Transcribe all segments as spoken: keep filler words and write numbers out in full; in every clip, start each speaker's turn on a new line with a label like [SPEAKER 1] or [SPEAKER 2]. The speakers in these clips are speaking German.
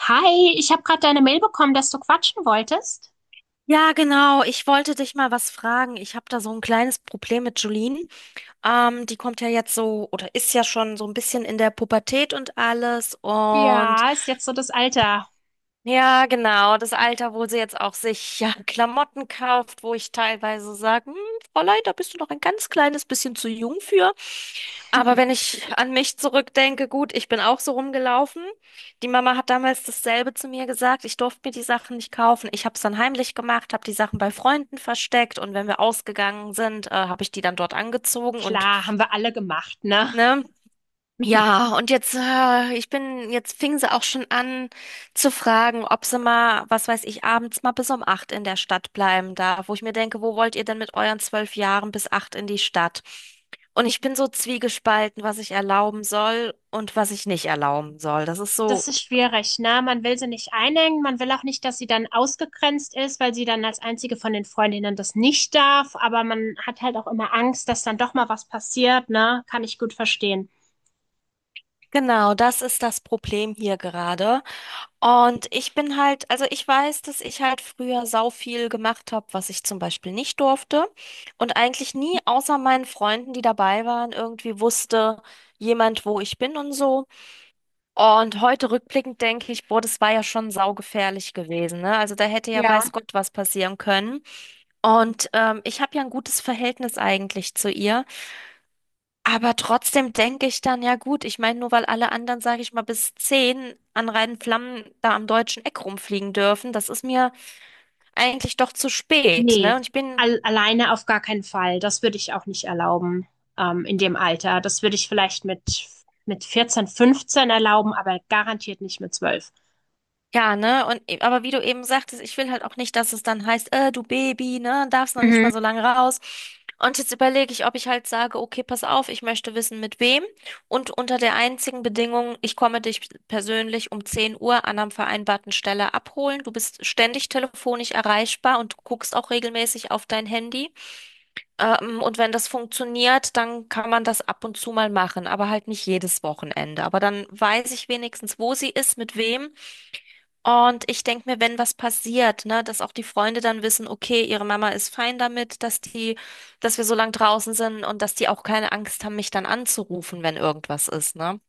[SPEAKER 1] Hi, ich habe gerade deine Mail bekommen, dass du quatschen wolltest.
[SPEAKER 2] Ja, genau. Ich wollte dich mal was fragen. Ich habe da so ein kleines Problem mit Julien. Ähm, die kommt ja jetzt so oder ist ja schon so ein bisschen in der Pubertät und alles. Und
[SPEAKER 1] Ja, ist jetzt so das Alter.
[SPEAKER 2] ja, genau, das Alter, wo sie jetzt auch sich, ja, Klamotten kauft, wo ich teilweise sage, hm, Fräulein, da bist du noch ein ganz kleines bisschen zu jung für. Aber wenn ich an mich zurückdenke, gut, ich bin auch so rumgelaufen. Die Mama hat damals dasselbe zu mir gesagt. Ich durfte mir die Sachen nicht kaufen. Ich habe es dann heimlich gemacht, habe die Sachen bei Freunden versteckt, und wenn wir ausgegangen sind, äh, habe ich die dann dort angezogen und,
[SPEAKER 1] Klar, haben wir alle gemacht, ne?
[SPEAKER 2] ne. Ja, und jetzt, äh, ich bin, jetzt fing sie auch schon an zu fragen, ob sie mal, was weiß ich, abends mal bis um acht in der Stadt bleiben darf, wo ich mir denke, wo wollt ihr denn mit euren zwölf Jahren bis acht in die Stadt? Und ich bin so zwiegespalten, was ich erlauben soll und was ich nicht erlauben soll. Das ist so,
[SPEAKER 1] Das ist schwierig, ne? Man will sie nicht einengen, man will auch nicht, dass sie dann ausgegrenzt ist, weil sie dann als einzige von den Freundinnen das nicht darf, aber man hat halt auch immer Angst, dass dann doch mal was passiert, ne? Kann ich gut verstehen.
[SPEAKER 2] genau, das ist das Problem hier gerade. Und ich bin halt, also ich weiß, dass ich halt früher sau viel gemacht habe, was ich zum Beispiel nicht durfte. Und eigentlich nie außer meinen Freunden, die dabei waren, irgendwie wusste jemand, wo ich bin und so. Und heute rückblickend denke ich, boah, das war ja schon saugefährlich gewesen, ne? Also da hätte ja
[SPEAKER 1] Ja.
[SPEAKER 2] weiß Gott was passieren können. Und ähm, ich habe ja ein gutes Verhältnis eigentlich zu ihr. Aber trotzdem denke ich dann, ja gut, ich meine, nur weil alle anderen, sage ich mal, bis zehn an reinen Flammen da am deutschen Eck rumfliegen dürfen, das ist mir eigentlich doch zu spät,
[SPEAKER 1] Nee,
[SPEAKER 2] ne? Und ich bin.
[SPEAKER 1] al alleine auf gar keinen Fall. Das würde ich auch nicht erlauben, ähm, in dem Alter. Das würde ich vielleicht mit, mit vierzehn, fünfzehn erlauben, aber garantiert nicht mit zwölf.
[SPEAKER 2] Ja, ne? Und e- aber wie du eben sagtest, ich will halt auch nicht, dass es dann heißt, äh, du Baby, ne, darfst noch nicht
[SPEAKER 1] Mhm.
[SPEAKER 2] mal so lange raus. Und jetzt überlege ich, ob ich halt sage, okay, pass auf, ich möchte wissen, mit wem. Und unter der einzigen Bedingung: Ich komme dich persönlich um zehn Uhr an einer vereinbarten Stelle abholen. Du bist ständig telefonisch erreichbar und guckst auch regelmäßig auf dein Handy. Ähm, und wenn das funktioniert, dann kann man das ab und zu mal machen, aber halt nicht jedes Wochenende. Aber dann weiß ich wenigstens, wo sie ist, mit wem. Und ich denke mir, wenn was passiert, ne, dass auch die Freunde dann wissen, okay, ihre Mama ist fein damit, dass die, dass wir so lang draußen sind, und dass die auch keine Angst haben, mich dann anzurufen, wenn irgendwas ist, ne?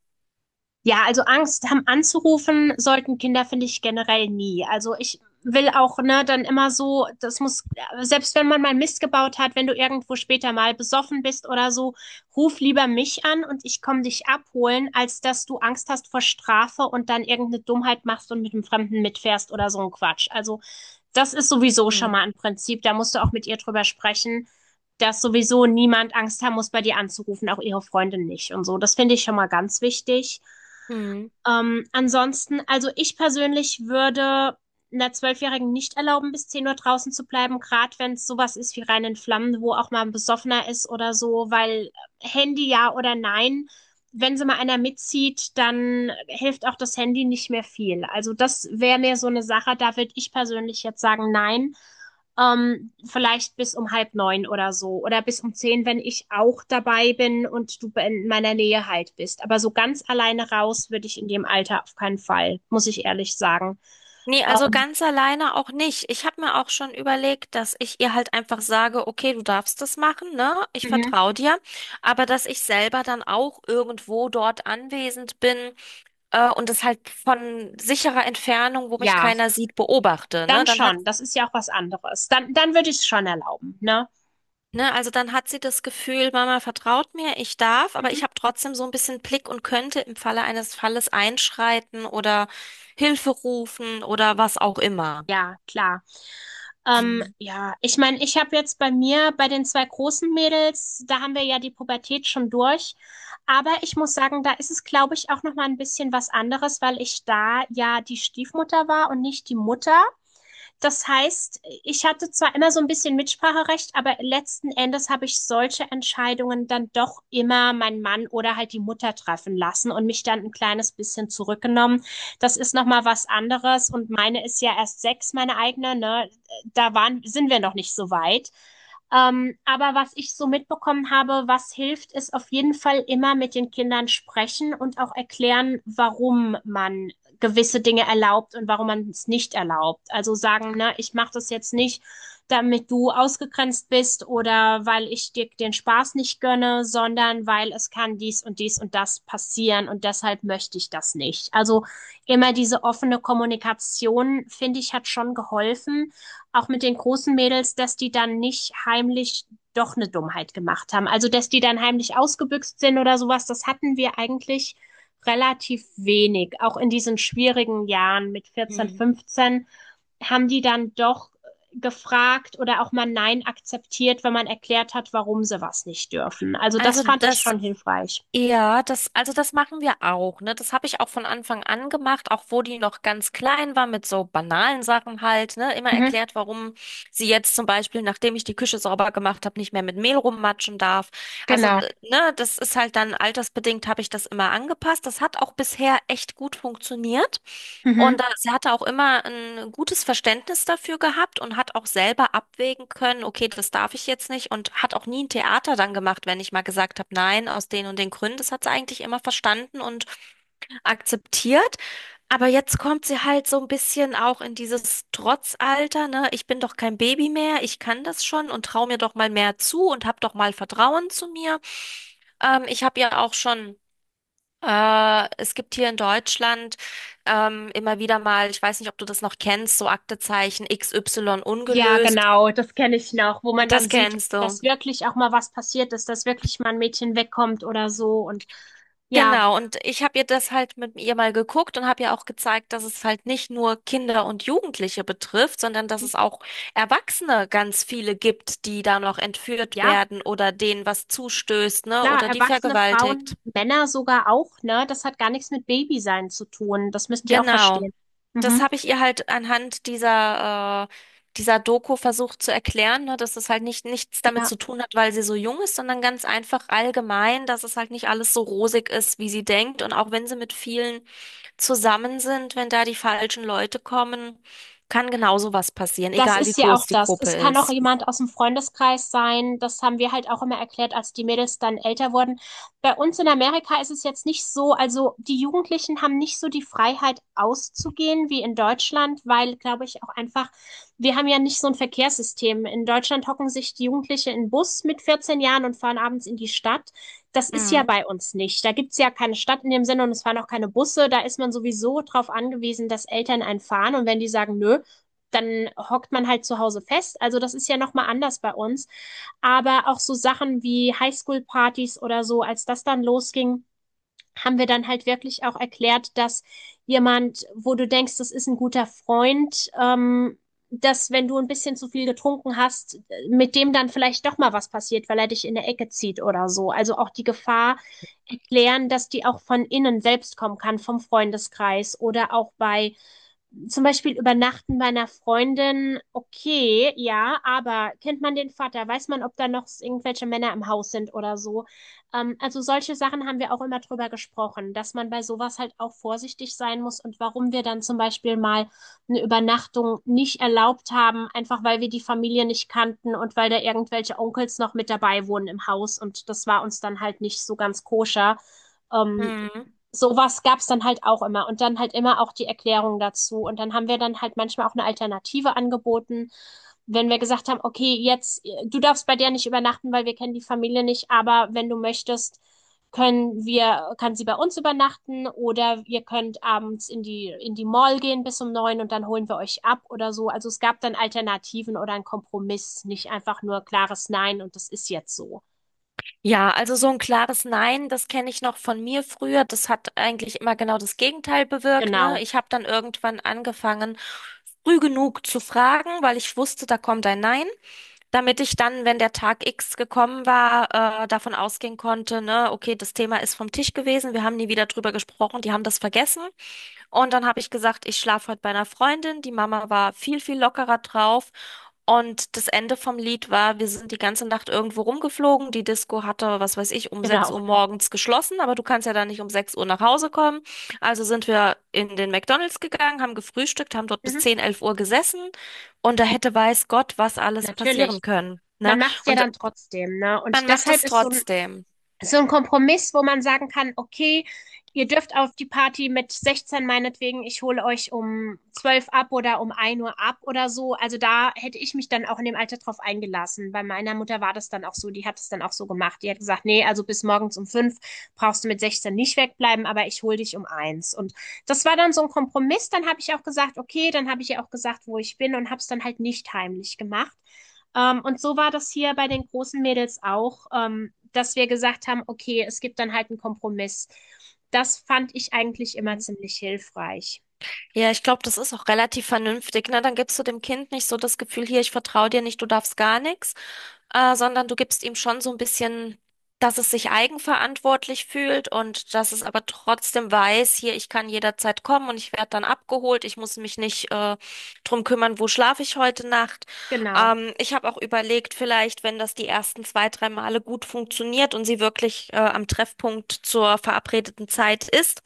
[SPEAKER 1] Ja, also Angst haben anzurufen sollten Kinder, finde ich, generell nie. Also ich will auch, ne, dann immer so, das muss, selbst wenn man mal Mist gebaut hat, wenn du irgendwo später mal besoffen bist oder so, ruf lieber mich an und ich komme dich abholen, als dass du Angst hast vor Strafe und dann irgendeine Dummheit machst und mit einem Fremden mitfährst oder so ein Quatsch. Also das ist sowieso schon
[SPEAKER 2] Hm.
[SPEAKER 1] mal ein Prinzip, da musst du auch mit ihr drüber sprechen, dass sowieso niemand Angst haben muss, bei dir anzurufen, auch ihre Freundin nicht und so. Das finde ich schon mal ganz wichtig.
[SPEAKER 2] Hm.
[SPEAKER 1] Ähm, ansonsten, also ich persönlich würde einer Zwölfjährigen nicht erlauben, bis zehn Uhr draußen zu bleiben, gerade wenn es sowas ist wie Rhein in Flammen, wo auch mal ein Besoffener ist oder so, weil äh, Handy ja oder nein, wenn sie mal einer mitzieht, dann hilft auch das Handy nicht mehr viel. Also das wäre mir so eine Sache, da würde ich persönlich jetzt sagen, nein. Ähm, vielleicht bis um halb neun oder so oder bis um zehn, wenn ich auch dabei bin und du in meiner Nähe halt bist. Aber so ganz alleine raus würde ich in dem Alter auf keinen Fall, muss ich ehrlich sagen.
[SPEAKER 2] Nee, also
[SPEAKER 1] Ähm,
[SPEAKER 2] ganz alleine auch nicht. Ich habe mir auch schon überlegt, dass ich ihr halt einfach sage, okay, du darfst das machen, ne? Ich
[SPEAKER 1] mhm.
[SPEAKER 2] vertraue dir, aber dass ich selber dann auch irgendwo dort anwesend bin, äh, und das halt von sicherer Entfernung, wo mich
[SPEAKER 1] Ja,
[SPEAKER 2] keiner sieht, beobachte, ne?
[SPEAKER 1] dann
[SPEAKER 2] Dann hat.
[SPEAKER 1] schon. Das ist ja auch was anderes. Dann, dann würde ich es schon erlauben, ne?
[SPEAKER 2] Ne, also dann hat sie das Gefühl, Mama vertraut mir, ich darf, aber
[SPEAKER 1] Mhm.
[SPEAKER 2] ich habe trotzdem so ein bisschen Blick und könnte im Falle eines Falles einschreiten oder Hilfe rufen oder was auch immer.
[SPEAKER 1] Ja, klar. Ähm,
[SPEAKER 2] Hm.
[SPEAKER 1] ja, ich meine, ich habe jetzt bei mir, bei den zwei großen Mädels, da haben wir ja die Pubertät schon durch. Aber ich muss sagen, da ist es, glaube ich, auch noch mal ein bisschen was anderes, weil ich da ja die Stiefmutter war und nicht die Mutter. Das heißt, ich hatte zwar immer so ein bisschen Mitspracherecht, aber letzten Endes habe ich solche Entscheidungen dann doch immer meinen Mann oder halt die Mutter treffen lassen und mich dann ein kleines bisschen zurückgenommen. Das ist noch mal was anderes und meine ist ja erst sechs, meine eigene, ne? Da waren, sind wir noch nicht so weit. Ähm, aber was ich so mitbekommen habe, was hilft, ist auf jeden Fall immer mit den Kindern sprechen und auch erklären, warum man gewisse Dinge erlaubt und warum man es nicht erlaubt. Also sagen, ne, ich mache das jetzt nicht, damit du ausgegrenzt bist oder weil ich dir den Spaß nicht gönne, sondern weil es kann dies und dies und das passieren und deshalb möchte ich das nicht. Also immer diese offene Kommunikation, finde ich, hat schon geholfen, auch mit den großen Mädels, dass die dann nicht heimlich doch eine Dummheit gemacht haben. Also dass die dann heimlich ausgebüxt sind oder sowas, das hatten wir eigentlich relativ wenig. Auch in diesen schwierigen Jahren mit vierzehn,
[SPEAKER 2] Hm.
[SPEAKER 1] fünfzehn haben die dann doch gefragt oder auch mal Nein akzeptiert, wenn man erklärt hat, warum sie was nicht dürfen. Also das
[SPEAKER 2] Also
[SPEAKER 1] fand ich
[SPEAKER 2] das.
[SPEAKER 1] schon hilfreich.
[SPEAKER 2] Ja, das, also das machen wir auch, ne? Das habe ich auch von Anfang an gemacht, auch wo die noch ganz klein war, mit so banalen Sachen halt, ne? Immer
[SPEAKER 1] Mhm,
[SPEAKER 2] erklärt, warum sie jetzt zum Beispiel, nachdem ich die Küche sauber gemacht habe, nicht mehr mit Mehl rummatschen darf. Also,
[SPEAKER 1] genau.
[SPEAKER 2] äh, ne, das ist halt dann altersbedingt, habe ich das immer angepasst. Das hat auch bisher echt gut funktioniert. Und
[SPEAKER 1] Mhm.
[SPEAKER 2] da, sie hatte auch immer ein gutes Verständnis dafür gehabt und hat auch selber abwägen können, okay, das darf ich jetzt nicht, und hat auch nie ein Theater dann gemacht, wenn ich mal gesagt habe, nein, aus den und den Gründen. Das hat sie eigentlich immer verstanden und akzeptiert. Aber jetzt kommt sie halt so ein bisschen auch in dieses Trotzalter, ne? Ich bin doch kein Baby mehr, ich kann das schon und traue mir doch mal mehr zu und hab doch mal Vertrauen zu mir. Ähm, ich habe ja auch schon äh, es gibt hier in Deutschland ähm, immer wieder mal, ich weiß nicht, ob du das noch kennst, so Aktezeichen X Y
[SPEAKER 1] Ja,
[SPEAKER 2] ungelöst.
[SPEAKER 1] genau, das kenne ich noch, wo man dann
[SPEAKER 2] Das
[SPEAKER 1] sieht,
[SPEAKER 2] kennst du?
[SPEAKER 1] dass wirklich auch mal was passiert ist, dass wirklich mal ein Mädchen wegkommt oder so. Und ja,
[SPEAKER 2] Genau, und ich habe ihr das halt mit ihr mal geguckt und habe ihr auch gezeigt, dass es halt nicht nur Kinder und Jugendliche betrifft, sondern dass es auch Erwachsene ganz viele gibt, die da noch entführt
[SPEAKER 1] ja,
[SPEAKER 2] werden oder denen was zustößt, ne,
[SPEAKER 1] klar,
[SPEAKER 2] oder die
[SPEAKER 1] erwachsene
[SPEAKER 2] vergewaltigt.
[SPEAKER 1] Frauen, Männer sogar auch, ne? Das hat gar nichts mit Babysein zu tun. Das müssen die auch
[SPEAKER 2] Genau.
[SPEAKER 1] verstehen.
[SPEAKER 2] Das
[SPEAKER 1] Mhm.
[SPEAKER 2] habe ich ihr halt anhand dieser, äh, dieser Doku versucht zu erklären, ne, dass es halt nicht nichts damit
[SPEAKER 1] Ja.
[SPEAKER 2] zu tun hat, weil sie so jung ist, sondern ganz einfach allgemein, dass es halt nicht alles so rosig ist, wie sie denkt. Und auch wenn sie mit vielen zusammen sind, wenn da die falschen Leute kommen, kann genauso was passieren,
[SPEAKER 1] Das
[SPEAKER 2] egal wie
[SPEAKER 1] ist ja auch
[SPEAKER 2] groß die
[SPEAKER 1] das.
[SPEAKER 2] Gruppe
[SPEAKER 1] Es kann auch
[SPEAKER 2] ist.
[SPEAKER 1] jemand aus dem Freundeskreis sein. Das haben wir halt auch immer erklärt, als die Mädels dann älter wurden. Bei uns in Amerika ist es jetzt nicht so, also die Jugendlichen haben nicht so die Freiheit auszugehen wie in Deutschland, weil, glaube ich, auch einfach, wir haben ja nicht so ein Verkehrssystem. In Deutschland hocken sich die Jugendliche in den Bus mit vierzehn Jahren und fahren abends in die Stadt. Das ist ja
[SPEAKER 2] Mhm.
[SPEAKER 1] bei uns nicht. Da gibt's ja keine Stadt in dem Sinne und es fahren auch keine Busse. Da ist man sowieso drauf angewiesen, dass Eltern einen fahren. Und wenn die sagen, nö, dann hockt man halt zu Hause fest. Also das ist ja nochmal anders bei uns. Aber auch so Sachen wie Highschool-Partys oder so, als das dann losging, haben wir dann halt wirklich auch erklärt, dass jemand, wo du denkst, das ist ein guter Freund, ähm, dass, wenn du ein bisschen zu viel getrunken hast, mit dem dann vielleicht doch mal was passiert, weil er dich in der Ecke zieht oder so. Also auch die Gefahr erklären, dass die auch von innen selbst kommen kann, vom Freundeskreis oder auch bei zum Beispiel übernachten bei einer Freundin, okay, ja, aber kennt man den Vater? Weiß man, ob da noch irgendwelche Männer im Haus sind oder so? Ähm, also solche Sachen haben wir auch immer drüber gesprochen, dass man bei sowas halt auch vorsichtig sein muss und warum wir dann zum Beispiel mal eine Übernachtung nicht erlaubt haben, einfach weil wir die Familie nicht kannten und weil da irgendwelche Onkels noch mit dabei wohnen im Haus und das war uns dann halt nicht so ganz koscher. Ähm,
[SPEAKER 2] Mhm.
[SPEAKER 1] Sowas gab's dann halt auch immer und dann halt immer auch die Erklärung dazu. Und dann haben wir dann halt manchmal auch eine Alternative angeboten, wenn wir gesagt haben, okay, jetzt, äh, du darfst bei der nicht übernachten, weil wir kennen die Familie nicht, aber wenn du möchtest, können wir, kann sie bei uns übernachten oder ihr könnt abends in die, in die Mall gehen bis um neun und dann holen wir euch ab oder so. Also es gab dann Alternativen oder einen Kompromiss, nicht einfach nur klares Nein und das ist jetzt so.
[SPEAKER 2] Ja, also so ein klares Nein, das kenne ich noch von mir früher. Das hat eigentlich immer genau das Gegenteil bewirkt, ne?
[SPEAKER 1] Genau,
[SPEAKER 2] Ich habe dann irgendwann angefangen, früh genug zu fragen, weil ich wusste, da kommt ein Nein, damit ich dann, wenn der Tag X gekommen war, äh, davon ausgehen konnte, ne, okay, das Thema ist vom Tisch gewesen, wir haben nie wieder drüber gesprochen, die haben das vergessen. Und dann habe ich gesagt, ich schlafe heute bei einer Freundin. Die Mama war viel, viel lockerer drauf. Und das Ende vom Lied war, wir sind die ganze Nacht irgendwo rumgeflogen. Die Disco hatte, was weiß ich, um sechs
[SPEAKER 1] genau.
[SPEAKER 2] Uhr morgens geschlossen, aber du kannst ja dann nicht um sechs Uhr nach Hause kommen. Also sind wir in den McDonald's gegangen, haben gefrühstückt, haben dort bis
[SPEAKER 1] Mhm,
[SPEAKER 2] zehn, elf Uhr gesessen. Und da hätte weiß Gott, was alles
[SPEAKER 1] natürlich.
[SPEAKER 2] passieren können. Ne?
[SPEAKER 1] Man macht's ja
[SPEAKER 2] Und
[SPEAKER 1] dann trotzdem, ne?
[SPEAKER 2] man
[SPEAKER 1] Und
[SPEAKER 2] macht
[SPEAKER 1] deshalb
[SPEAKER 2] es
[SPEAKER 1] ist so ein,
[SPEAKER 2] trotzdem.
[SPEAKER 1] so ein Kompromiss, wo man sagen kann, okay, ihr dürft auf die Party mit sechzehn meinetwegen, ich hole euch um zwölf ab oder um ein Uhr ab oder so. Also da hätte ich mich dann auch in dem Alter drauf eingelassen. Bei meiner Mutter war das dann auch so, die hat es dann auch so gemacht. Die hat gesagt, nee, also bis morgens um fünf brauchst du mit sechzehn nicht wegbleiben, aber ich hole dich um eins. Und das war dann so ein Kompromiss. Dann habe ich auch gesagt, okay, dann habe ich ihr auch gesagt, wo ich bin und habe es dann halt nicht heimlich gemacht. Ähm, und so war das hier bei den großen Mädels auch, ähm, dass wir gesagt haben, okay, es gibt dann halt einen Kompromiss. Das fand ich eigentlich immer ziemlich hilfreich.
[SPEAKER 2] Ja, ich glaube, das ist auch relativ vernünftig, ne? Dann gibst du dem Kind nicht so das Gefühl, hier, ich vertraue dir nicht, du darfst gar nichts, äh, sondern du gibst ihm schon so ein bisschen, dass es sich eigenverantwortlich fühlt und dass es aber trotzdem weiß, hier, ich kann jederzeit kommen und ich werde dann abgeholt. Ich muss mich nicht, äh, drum kümmern, wo schlafe ich heute Nacht.
[SPEAKER 1] Genau.
[SPEAKER 2] Ähm, ich habe auch überlegt, vielleicht, wenn das die ersten zwei, drei Male gut funktioniert und sie wirklich, äh, am Treffpunkt zur verabredeten Zeit ist,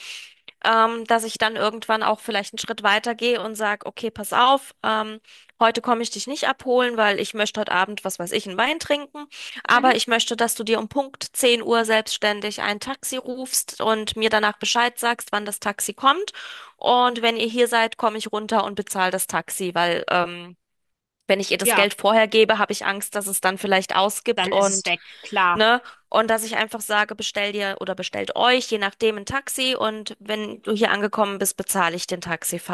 [SPEAKER 2] ähm, dass ich dann irgendwann auch vielleicht einen Schritt weiter gehe und sage, okay, pass auf, ähm, heute komme ich dich nicht abholen, weil ich möchte heute Abend, was weiß ich, einen Wein trinken,
[SPEAKER 1] Mhm.
[SPEAKER 2] aber ich möchte, dass du dir um Punkt zehn Uhr selbstständig ein Taxi rufst und mir danach Bescheid sagst, wann das Taxi kommt. Und wenn ihr hier seid, komme ich runter und bezahle das Taxi, weil ähm, wenn ich ihr das
[SPEAKER 1] Ja,
[SPEAKER 2] Geld vorher gebe, habe ich Angst, dass es dann vielleicht ausgibt
[SPEAKER 1] dann ist es
[SPEAKER 2] und,
[SPEAKER 1] weg, klar.
[SPEAKER 2] ne? Und dass ich einfach sage, bestell dir oder bestellt euch, je nachdem, ein Taxi, und wenn du hier angekommen bist, bezahle ich den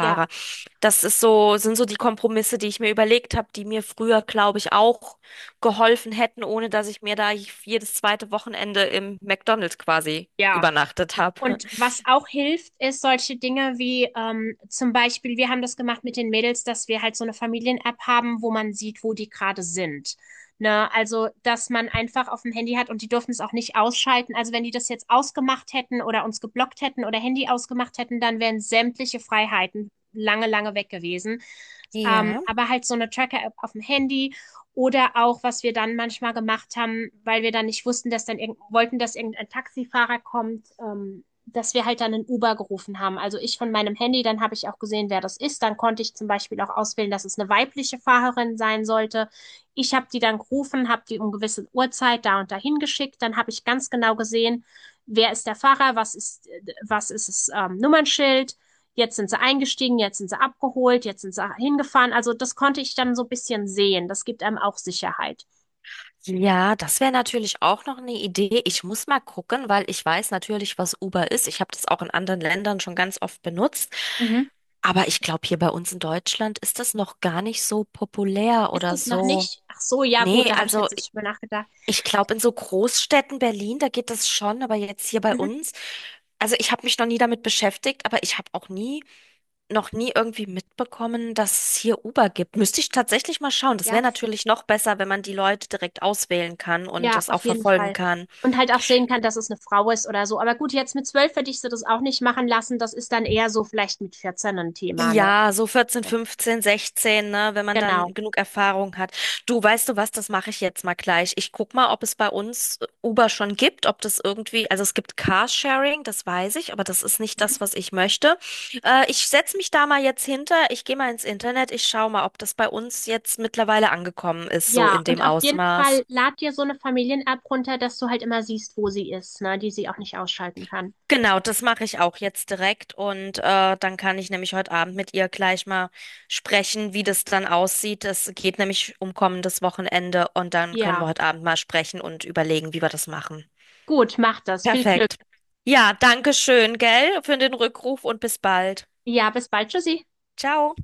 [SPEAKER 1] Ja,
[SPEAKER 2] Das ist so, sind so die Kompromisse, die ich mir überlegt habe, die mir früher, glaube ich, auch geholfen hätten, ohne dass ich mir da jedes zweite Wochenende im McDonald's quasi
[SPEAKER 1] ja.
[SPEAKER 2] übernachtet habe.
[SPEAKER 1] Und was auch hilft, ist solche Dinge wie ähm, zum Beispiel, wir haben das gemacht mit den Mädels, dass wir halt so eine Familien-App haben, wo man sieht, wo die gerade sind. Ne? Also, dass man einfach auf dem Handy hat und die dürfen es auch nicht ausschalten. Also, wenn die das jetzt ausgemacht hätten oder uns geblockt hätten oder Handy ausgemacht hätten, dann wären sämtliche Freiheiten lange, lange weg gewesen. Ähm,
[SPEAKER 2] Ja.
[SPEAKER 1] aber halt so eine Tracker-App auf dem Handy oder auch, was wir dann manchmal gemacht haben, weil wir dann nicht wussten, dass dann irgend wollten, dass irgendein Taxifahrer kommt, ähm, dass wir halt dann einen Uber gerufen haben. Also ich von meinem Handy, dann habe ich auch gesehen, wer das ist. Dann konnte ich zum Beispiel auch auswählen, dass es eine weibliche Fahrerin sein sollte. Ich habe die dann gerufen, habe die um gewisse Uhrzeit da und dahin geschickt. Dann habe ich ganz genau gesehen, wer ist der Fahrer, was ist, was ist das ähm, Nummernschild. Jetzt sind sie eingestiegen, jetzt sind sie abgeholt, jetzt sind sie hingefahren. Also das konnte ich dann so ein bisschen sehen. Das gibt einem auch Sicherheit.
[SPEAKER 2] Ja, das wäre natürlich auch noch eine Idee. Ich muss mal gucken, weil ich weiß natürlich, was Uber ist. Ich habe das auch in anderen Ländern schon ganz oft benutzt.
[SPEAKER 1] Mhm.
[SPEAKER 2] Aber ich glaube, hier bei uns in Deutschland ist das noch gar nicht so populär
[SPEAKER 1] Ist
[SPEAKER 2] oder
[SPEAKER 1] es noch
[SPEAKER 2] so.
[SPEAKER 1] nicht? Ach so, ja gut,
[SPEAKER 2] Nee,
[SPEAKER 1] da habe ich
[SPEAKER 2] also
[SPEAKER 1] jetzt nicht drüber nachgedacht.
[SPEAKER 2] ich glaube, in so Großstädten Berlin, da geht das schon, aber jetzt hier bei
[SPEAKER 1] Mhm.
[SPEAKER 2] uns, also ich habe mich noch nie damit beschäftigt, aber ich habe auch nie noch nie irgendwie mitbekommen, dass es hier Uber gibt. Müsste ich tatsächlich mal schauen. Das
[SPEAKER 1] Ja,
[SPEAKER 2] wäre natürlich noch besser, wenn man die Leute direkt auswählen kann und
[SPEAKER 1] ja,
[SPEAKER 2] das auch
[SPEAKER 1] auf jeden
[SPEAKER 2] verfolgen
[SPEAKER 1] Fall.
[SPEAKER 2] kann.
[SPEAKER 1] Und halt auch sehen kann, dass es eine Frau ist oder so. Aber gut, jetzt mit zwölf hätte ich sie das auch nicht machen lassen. Das ist dann eher so vielleicht mit vierzehn ein Thema, ne?
[SPEAKER 2] Ja, so vierzehn, fünfzehn, sechzehn, ne, wenn man dann
[SPEAKER 1] Genau.
[SPEAKER 2] genug Erfahrung hat. Du, weißt du was, das mache ich jetzt mal gleich. Ich guck mal, ob es bei uns äh, Uber schon gibt, ob das irgendwie, also es gibt Carsharing, das weiß ich, aber das ist nicht das, was ich möchte. Äh, ich setze mich da mal jetzt hinter, ich gehe mal ins Internet, ich schaue mal, ob das bei uns jetzt mittlerweile angekommen ist, so
[SPEAKER 1] Ja,
[SPEAKER 2] in
[SPEAKER 1] und
[SPEAKER 2] dem
[SPEAKER 1] auf jeden
[SPEAKER 2] Ausmaß.
[SPEAKER 1] Fall lad dir so eine Familien-App runter, dass du halt immer siehst, wo sie ist, ne? Die sie auch nicht ausschalten kann.
[SPEAKER 2] Genau, das mache ich auch jetzt direkt, und äh, dann kann ich nämlich heute Abend mit ihr gleich mal sprechen, wie das dann aussieht. Es geht nämlich um kommendes Wochenende und dann können
[SPEAKER 1] Ja,
[SPEAKER 2] wir heute Abend mal sprechen und überlegen, wie wir das machen.
[SPEAKER 1] gut, mach das. Viel Glück.
[SPEAKER 2] Perfekt. Ja, danke schön, gell, für den Rückruf und bis bald.
[SPEAKER 1] Ja, bis bald, Tschüssi.
[SPEAKER 2] Ciao.